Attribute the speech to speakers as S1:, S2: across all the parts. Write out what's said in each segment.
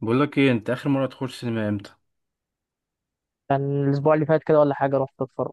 S1: بقول لك ايه، انت اخر مره تخش سينما امتى؟
S2: كان الاسبوع اللي فات كده ولا حاجه، رحت اتفرج.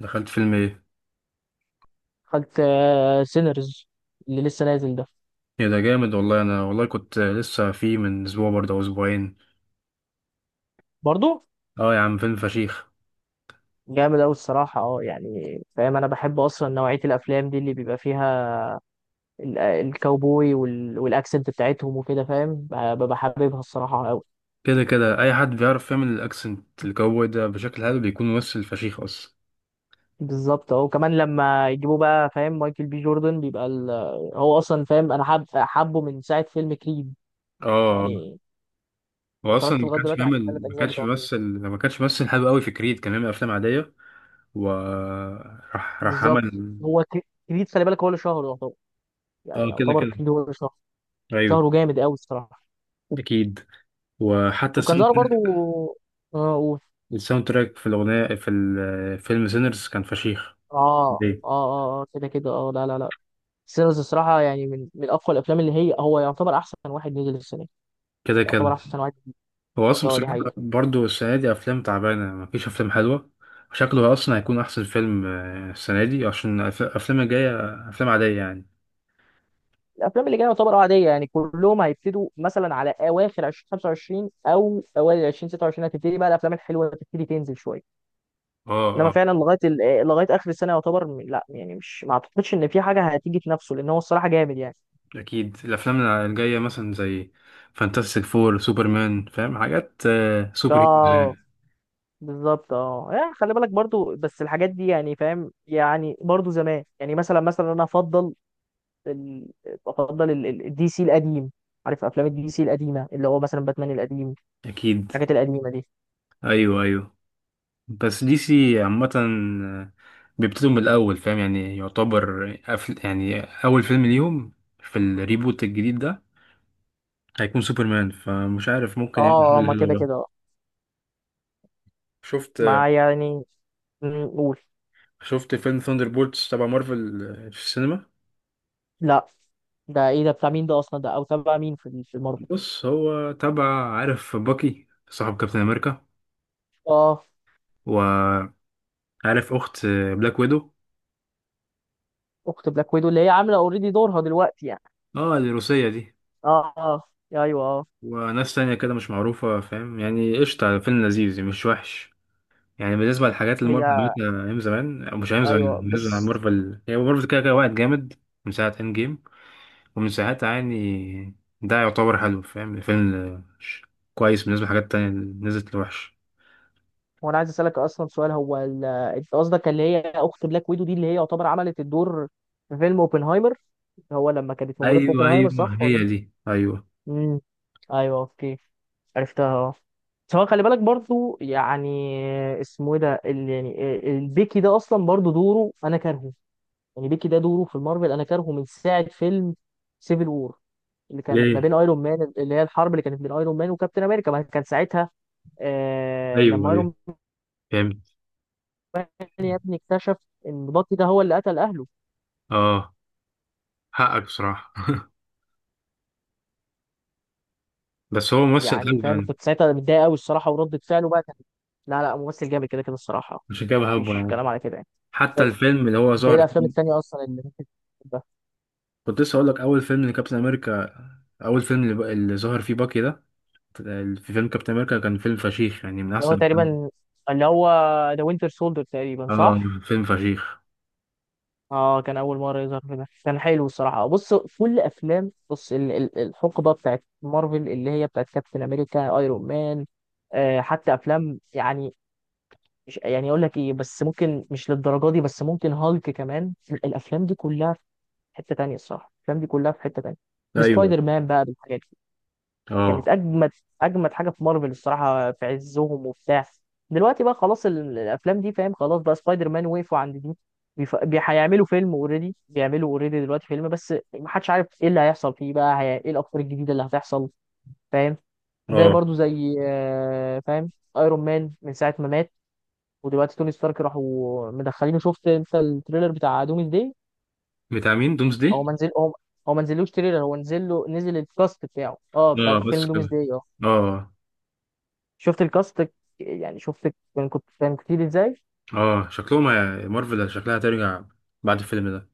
S1: دخلت فيلم ايه؟
S2: دخلت سينرز اللي لسه نازل ده.
S1: ايه ده جامد والله. انا والله كنت لسه فيه من اسبوع برضه او اسبوعين.
S2: برضو
S1: اه يا عم، فيلم فشيخ.
S2: جامد أوي الصراحة، اه يعني فاهم، أنا بحب أصلا نوعية الأفلام دي اللي بيبقى فيها الكاوبوي والأكسنت بتاعتهم وكده، فاهم، ببقى حاببها الصراحة أوي.
S1: كده كده اي حد بيعرف يعمل الاكسنت الجو ده بشكل حلو بيكون ممثل فشيخ اصلا.
S2: بالظبط اه، وكمان لما يجيبوا بقى فاهم مايكل بي جوردن بيبقى ال... آه، هو أصلا فاهم أنا حابه من ساعة فيلم كريد
S1: اه.
S2: يعني.
S1: هو اصلا
S2: اتفرجت لغاية دلوقتي على الثلاث
S1: ما
S2: أجزاء
S1: كانش
S2: بتوع كريد.
S1: بيمثل. ما كانش بيمثل حلو قوي في كريد، كان بيعمل افلام عاديه. وراح راح راح
S2: بالظبط.
S1: عمل.
S2: هو كريد خلي بالك هو اللي شهره، يعني
S1: اه كده
S2: يعتبر
S1: كده.
S2: كيلو هو شهر.
S1: ايوه.
S2: شهره جامد قوي الصراحه.
S1: اكيد. وحتى
S2: وكان
S1: الساوند
S2: ظهر
S1: تراك
S2: برضو. اه و-
S1: الساوند تراك في الاغنيه في الفيلم سينرز كان فشيخ.
S2: كده كده اه، لا لا لا سيلز الصراحه، يعني من اقوى الافلام، اللي هي هو يعتبر احسن واحد نزل السنه دي.
S1: كده كده.
S2: يعتبر احسن واحد.
S1: هو اصلا
S2: اه دي
S1: بصراحه
S2: حقيقه.
S1: برضه السنه دي افلام تعبانه، مفيش افلام حلوه. شكله اصلا هيكون احسن فيلم السنه دي، عشان الافلام الجايه افلام عاديه يعني.
S2: الافلام اللي جايه يعتبر اه عاديه يعني، كلهم هيبتدوا مثلا على اواخر 2025 او اوائل 2026 هتبتدي بقى الافلام الحلوه تبتدي تنزل شويه.
S1: اه
S2: انما
S1: اه،
S2: فعلا لغايه لغايه اخر السنه يعتبر م- لا يعني مش، ما اعتقدش ان في حاجه هتيجي تنافسه، لان هو الصراحه جامد يعني.
S1: اكيد. الافلام الجايه مثلا زي فانتاستيك فور، سوبرمان، فاهم، حاجات سوبر هيروز
S2: ده
S1: يعني.
S2: بالظبط اه، يعني خلي بالك برضو، بس الحاجات دي يعني فاهم، يعني برضو زمان، يعني مثلا انا افضل ال... افضل الدي سي القديم. عارف افلام الدي سي القديمه، اللي هو مثلا باتمان القديم،
S1: اكيد،
S2: الحاجات القديمه دي.
S1: ايوه ايوه. بس دي سي عامه، بيبتدوا من الاول، فاهم يعني، يعتبر يعني اول فيلم ليهم في الريبوت الجديد ده هيكون سوبرمان، فمش عارف ممكن يعمل حاجة
S2: اه. ما
S1: حلوة
S2: كده
S1: بقى.
S2: كده.
S1: شفت
S2: مع يعني، قول.
S1: شفت فيلم ثاندر بولتس تبع مارفل في السينما.
S2: لا ده ايه ده، بتاع مين ده اصلا، ده او تبع مين في في المارفل؟
S1: بص، هو تبع، عارف باكي صاحب كابتن امريكا،
S2: اه
S1: وعارف اخت بلاك ويدو.
S2: اخت بلاك ويدو اللي هي عامله اوريدي دورها دلوقتي يعني.
S1: اه الروسية دي.
S2: اه اه ايوه اه.
S1: وناس تانية كده مش معروفة، فاهم يعني، قشطة، فيلم لذيذ مش وحش يعني، بالنسبة للحاجات اللي
S2: هي
S1: مارفل عملتها أيام زمان أو مش أيام زمان.
S2: ايوه
S1: بالنسبة
S2: بس.
S1: لمارفل، هي مارفل كده كده وقت جامد. من ساعة إند جيم ومن ساعتها، يعني ده يعتبر حلو، فاهم الفيلم كويس بالنسبة لحاجات تانية اللي نزلت الوحش.
S2: وانا عايز اسالك اصلا سؤال، هو انت قصدك اللي هي اخت بلاك ويدو دي اللي هي يعتبر عملت الدور في فيلم اوبنهايمر، هو لما كانت موجوده في
S1: أيوة
S2: اوبنهايمر
S1: أيوة،
S2: صح
S1: هي
S2: ولا؟
S1: دي، أيوة.
S2: امم ايوه اوكي، عرفتها اه. سواء خلي بالك برضو يعني، اسمه ايه ده يعني البيكي ده اصلا، برضو دوره انا كارهه، يعني بيكي ده دوره في المارفل انا كارهه من ساعه فيلم سيفل وور، اللي كان ما
S1: ليه؟
S2: بين ايرون مان، اللي هي الحرب اللي كانت بين ايرون مان وكابتن امريكا. ما كان ساعتها آه
S1: أيوة
S2: لما
S1: أيوة،
S2: ايرون،
S1: فهمت.
S2: يا ابني اكتشف ان بطي ده هو اللي قتل اهله.
S1: اه، حقك بصراحة، بس هو ممثل
S2: يعني
S1: حلو
S2: فاهم،
S1: يعني.
S2: كنت ساعتها متضايق قوي الصراحه، وردة فعله بقى كان. لا لا ممثل جامد كده كده الصراحه،
S1: عشان كده بحبه
S2: مفيش
S1: يعني.
S2: كلام على كده يعني. ف-
S1: حتى الفيلم اللي هو
S2: انت ايه
S1: ظهر
S2: الافلام
S1: فيه.
S2: التانيه اصلا اللي ممكن تحبها؟
S1: كنت لسه هقول لك أول فيلم لكابتن أمريكا. أول فيلم اللي ظهر فيه باكي ده في فيلم كابتن أمريكا، كان فيلم فشيخ يعني، من
S2: اللي هو
S1: أحسن الفيلم.
S2: تقريبا، اللي هو ذا وينتر سولدر تقريبا
S1: اه،
S2: صح؟
S1: فيلم فشيخ.
S2: اه كان اول مره يظهر في ده، كان حلو الصراحه. بص كل افلام، بص الحقبه بتاعت مارفل، اللي هي بتاعت كابتن امريكا، ايرون مان، آه حتى افلام يعني، مش يعني اقول لك ايه، بس ممكن مش للدرجه دي، بس ممكن هالك كمان، الافلام دي كلها في حته تانية الصراحه، الافلام دي كلها في حته تانية.
S1: أيوة.
S2: بسبايدر مان بقى بالحاجات دي
S1: اه
S2: كانت اجمد، اجمد حاجه في مارفل الصراحه، في عزهم وبتاع. دلوقتي بقى خلاص الافلام دي فاهم، خلاص بقى سبايدر مان وقفوا عند دي. هيعملوا فيلم اوريدي، بيعملوا اوريدي دلوقتي فيلم، بس محدش عارف ايه اللي هيحصل فيه بقى، ايه الافكار الجديده اللي هتحصل فاهم. زي
S1: اه،
S2: برضو زي آه، فاهم ايرون مان من ساعه ما مات، ودلوقتي توني ستارك راحوا مدخلينه. شفت انت التريلر بتاع دومز داي؟
S1: بتاع مين دومز
S2: هو
S1: دي؟
S2: ما نزل هو هو ما نزلوش تريلر، هو نزل الكاست بتاعه اه، بتاع
S1: اه بس
S2: فيلم دومز
S1: كده.
S2: داي اه.
S1: اه
S2: شفت الكاست؟ يعني شفت كان كنت كان كتير ازاي.
S1: اه، شكلهم مارفل شكلها هترجع بعد الفيلم ده.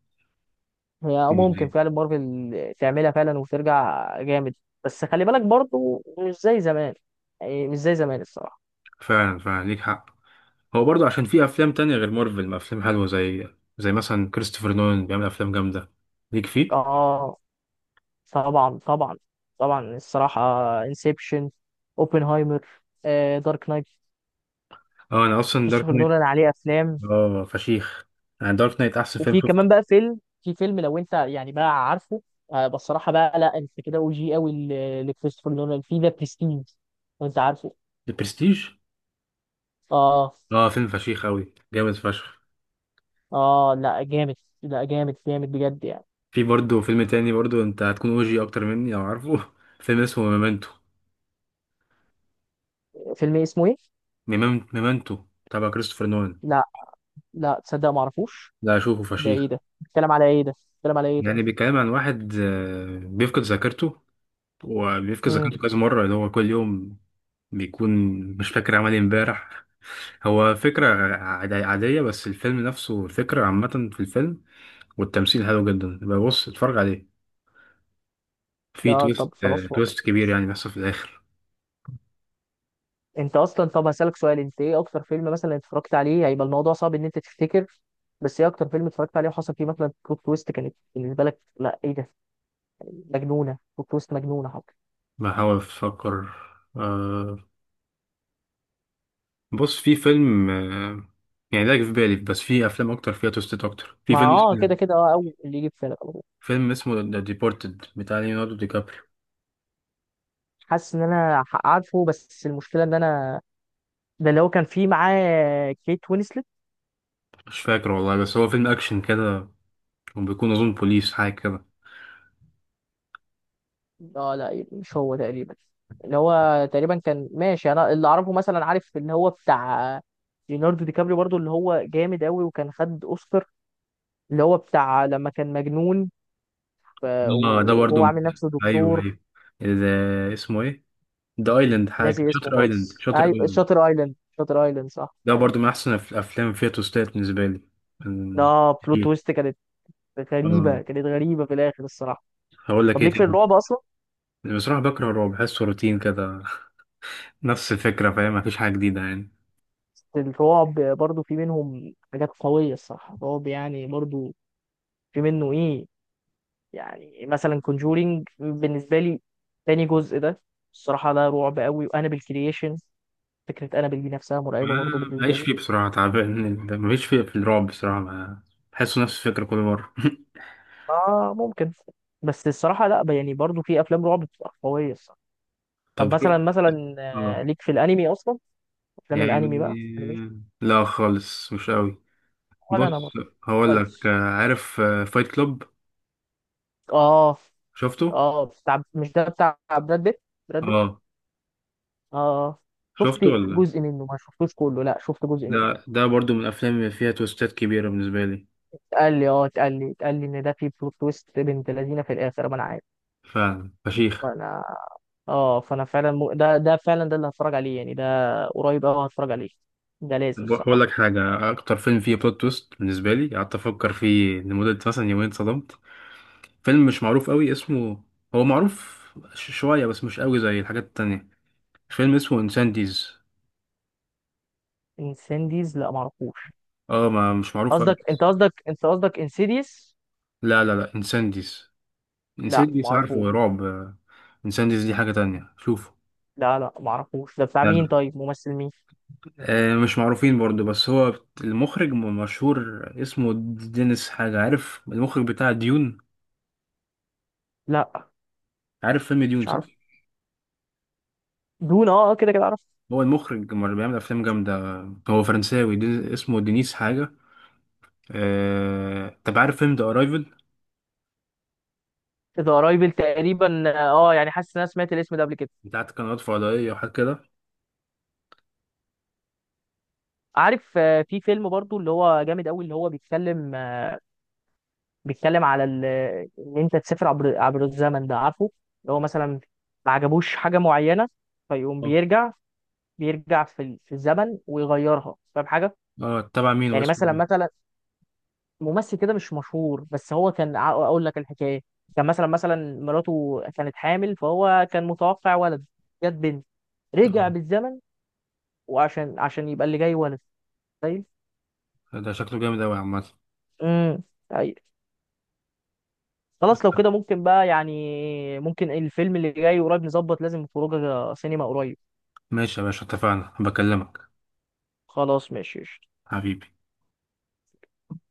S2: هي اه ممكن
S1: مم.
S2: فعلا مارفل تعملها فعلا وترجع جامد. بس خلي بالك برضو مش زي زمان، يعني مش زي زمان الصراحة.
S1: فعلا فعلا، ليك حق. هو برضه عشان في افلام تانية غير مارفل، ما افلام حلوة، زي مثلا كريستوفر نولان بيعمل افلام جامدة، ليك فيه.
S2: اه طبعا طبعا، طبعا الصراحة. انسبشن، اوبنهايمر، دارك نايت،
S1: اه، انا اصلا دارك
S2: كريستوفر
S1: نايت،
S2: نولان عليه افلام.
S1: اه فشيخ يعني، دارك نايت احسن فيلم
S2: وفي
S1: شفته.
S2: كمان بقى فيلم، في فيلم لو انت يعني بقى عارفه، بس الصراحه بقى لا، انت كده او جي قوي لكريستوفر نولان في ذا بريستيج، لو انت عارفه.
S1: البرستيج،
S2: اه.
S1: اه فيلم فشيخ قوي، جامد فشخ.
S2: اه لا جامد، جامد بجد يعني.
S1: في برضه فيلم تاني برضه انت هتكون اوجي اكتر مني لو عارفه. فيلم اسمه ميمنتو.
S2: فيلم إيه، اسمه ايه؟
S1: ميمنتو تبع كريستوفر نولان.
S2: لا لا تصدق ما اعرفوش.
S1: ده اشوفه
S2: ده ايه
S1: فشيخ.
S2: ده؟ بيتكلم على ايه ده؟ بيتكلم على ايه طيب؟
S1: يعني بيتكلم عن واحد بيفقد ذاكرته، وبيفقد
S2: امم.
S1: ذاكرته كذا مرة، اللي هو كل يوم بيكون مش فاكر عمل ايه امبارح. هو فكرة عادية، بس الفيلم نفسه الفكرة عامة في الفيلم، والتمثيل حلو جدا. يبقى بص، اتفرج عليه. في
S2: لا طب خلاص والله.
S1: تويست كبير يعني بيحصل في الآخر.
S2: انت اصلا، طب هسألك سؤال، انت ايه اكتر فيلم مثلا اتفرجت عليه، هيبقى الموضوع صعب ان انت تفتكر بس، ايه اكتر فيلم اتفرجت عليه وحصل فيه مثلا بلوت تويست كانت بالنسبه لك لا ايه ده، مجنونه، بلوت تويست مجنونه حق؟
S1: بحاول أفكر، آه، بص، في فيلم، يعني ده جه في بالي، بس في أفلام أكتر فيها تويستات أكتر.
S2: مع اه كده كده اه، اول اللي يجي في بالك على طول.
S1: فيلم اسمه ذا ديبورتد بتاع ليوناردو دي كابريو.
S2: حاسس ان انا عارفه، بس المشكله ان انا، ده اللي هو كان فيه معاه كيت وينسلت؟
S1: مش فاكر والله، بس هو فيلم أكشن كده، كان بيكون أظن بوليس حاجة كده.
S2: اه لا مش هو تقريبا، اللي هو تقريبا كان ماشي، انا اللي اعرفه مثلا، عارف اللي هو بتاع ليوناردو دي كابريو برضو اللي هو جامد قوي، وكان خد اوسكار، اللي هو بتاع لما كان مجنون ف-
S1: اه ده برضو
S2: وهو
S1: من.
S2: عامل نفسه
S1: أيوه
S2: دكتور.
S1: أيوه، اسمه إيه؟ ذا أيلاند حاجة
S2: ناسي اسمه
S1: شاتر أيلاند
S2: خالص،
S1: شاتر
S2: ايوه
S1: أيلاند
S2: شاتر ايلاند، شاتر ايلاند صح،
S1: ده
S2: ايوه.
S1: برضو من أحسن الأفلام فيها توستات بالنسبة لي. من-
S2: ده بلوت
S1: إيه؟
S2: تويست كانت غريبة،
S1: آه،
S2: كانت غريبة في الآخر الصراحة.
S1: هقول لك
S2: طب
S1: إيه
S2: ليك في
S1: تاني.
S2: الرعب أصلا؟
S1: بصراحة بكره الرعب، بحسه روتين كده. نفس الفكرة، فاهم، مفيش حاجة جديدة يعني.
S2: الرعب برضو في منهم حاجات قوية الصراحة، الرعب يعني برضو في منه إيه، يعني مثلا كونجورينج بالنسبة لي، تاني جزء ده الصراحة ده رعب قوي، وأنابل كرييشن، فكرة أنابل دي نفسها مرعبة برضو بالنسبة
S1: معيش
S2: لي.
S1: فيه بصراحة، تعبان. مفيش فيه في الرعب بصراحة بحسه نفس الفكرة كل مرة.
S2: آه ممكن، بس الصراحة لأ يعني، برضو في أفلام رعب بتبقى قوية الصراحة.
S1: طب
S2: طب
S1: شوف،
S2: مثلا آه، ليك في الأنمي أصلا؟ أفلام
S1: يعني
S2: الأنمي بقى، أنمي،
S1: لا خالص، مش قوي.
S2: ولا أنا
S1: بص،
S2: برضو.
S1: هقول لك،
S2: كويس.
S1: عارف فايت كلوب؟
S2: آه.
S1: شفته.
S2: اه بتاع، مش ده بتاع براد بيت؟ براد بيت
S1: اه،
S2: اه. اه. شفت
S1: شفته ولا؟
S2: جزء منه ما شفتوش كله، لا شفت جزء منه.
S1: ده برضو من الافلام اللي فيها تويستات كبيره بالنسبه لي.
S2: اتقال لي، اتقال لي ان ده في بلوت تويست بنت لذينه في الاخر، ما انا عارف.
S1: فعلا فشيخ.
S2: فانا اه فانا فعلا ده ده فعلا ده اللي هتفرج عليه يعني، ده قريب قوي هتفرج عليه، ده لازم
S1: طب هقول لك
S2: الصراحه.
S1: حاجه، اكتر فيلم فيه بلوت تويست بالنسبه لي قعدت افكر فيه لمده مثلا يومين، اتصدمت. فيلم مش معروف قوي، اسمه، هو معروف شويه، بس مش قوي زي الحاجات التانية. فيلم اسمه انسانديز.
S2: انسنديز، لا معرفوش.
S1: اه، ما مش معروف قوي.
S2: قصدك انت، قصدك انسيديس؟
S1: لا لا لا، انسانديز.
S2: لا
S1: انسيديوس عارفه،
S2: معرفوش،
S1: رعب، انسيديوس دي حاجة تانية، شوفه.
S2: لا لا معرفوش. ده بتاع
S1: لا
S2: مين
S1: لا.
S2: طيب، ممثل مين؟
S1: مش معروفين برضو، بس هو المخرج مشهور، اسمه دينيس حاجة. عارف المخرج بتاع ديون؟
S2: لا
S1: عارف فيلم ديون
S2: مش
S1: صح؟
S2: عارف. دون اه آه، كده كده عارف.
S1: هو المخرج اللي بيعمل أفلام جامدة. هو فرنساوي، دي اسمه دينيس حاجة. طب عارف فيلم ذا أرايفل؟
S2: ذا رايفل تقريبا، اه يعني حاسس ان انا سمعت الاسم ده قبل كده.
S1: بتاعت قنوات فضائية وحاجات كده؟
S2: عارف آه، في فيلم برضو اللي هو جامد قوي، اللي هو بيتكلم آه، بيتكلم على ان انت تسافر عبر الزمن، ده عارفه. اللي هو مثلا ما عجبوش حاجه معينه، فيقوم
S1: اه.
S2: بيرجع، بيرجع في الزمن ويغيرها، فاهم حاجه.
S1: تبع مين،
S2: يعني
S1: واسمه
S2: مثلا
S1: مين؟
S2: مثلا ممثل كده مش مشهور، بس هو كان اقول لك الحكايه. كان مثلا مراته كانت حامل، فهو كان متوقع ولد، جت بنت، رجع بالزمن عشان يبقى اللي جاي ولد. طيب.
S1: ده شكله جامد أوي عامة.
S2: امم. طيب، خلاص لو كده ممكن بقى يعني، ممكن الفيلم اللي جاي قريب نظبط لازم خروجه سينما قريب.
S1: ماشي يا باشا، اتفقنا، بكلمك.
S2: خلاص ماشي.
S1: حبيبي.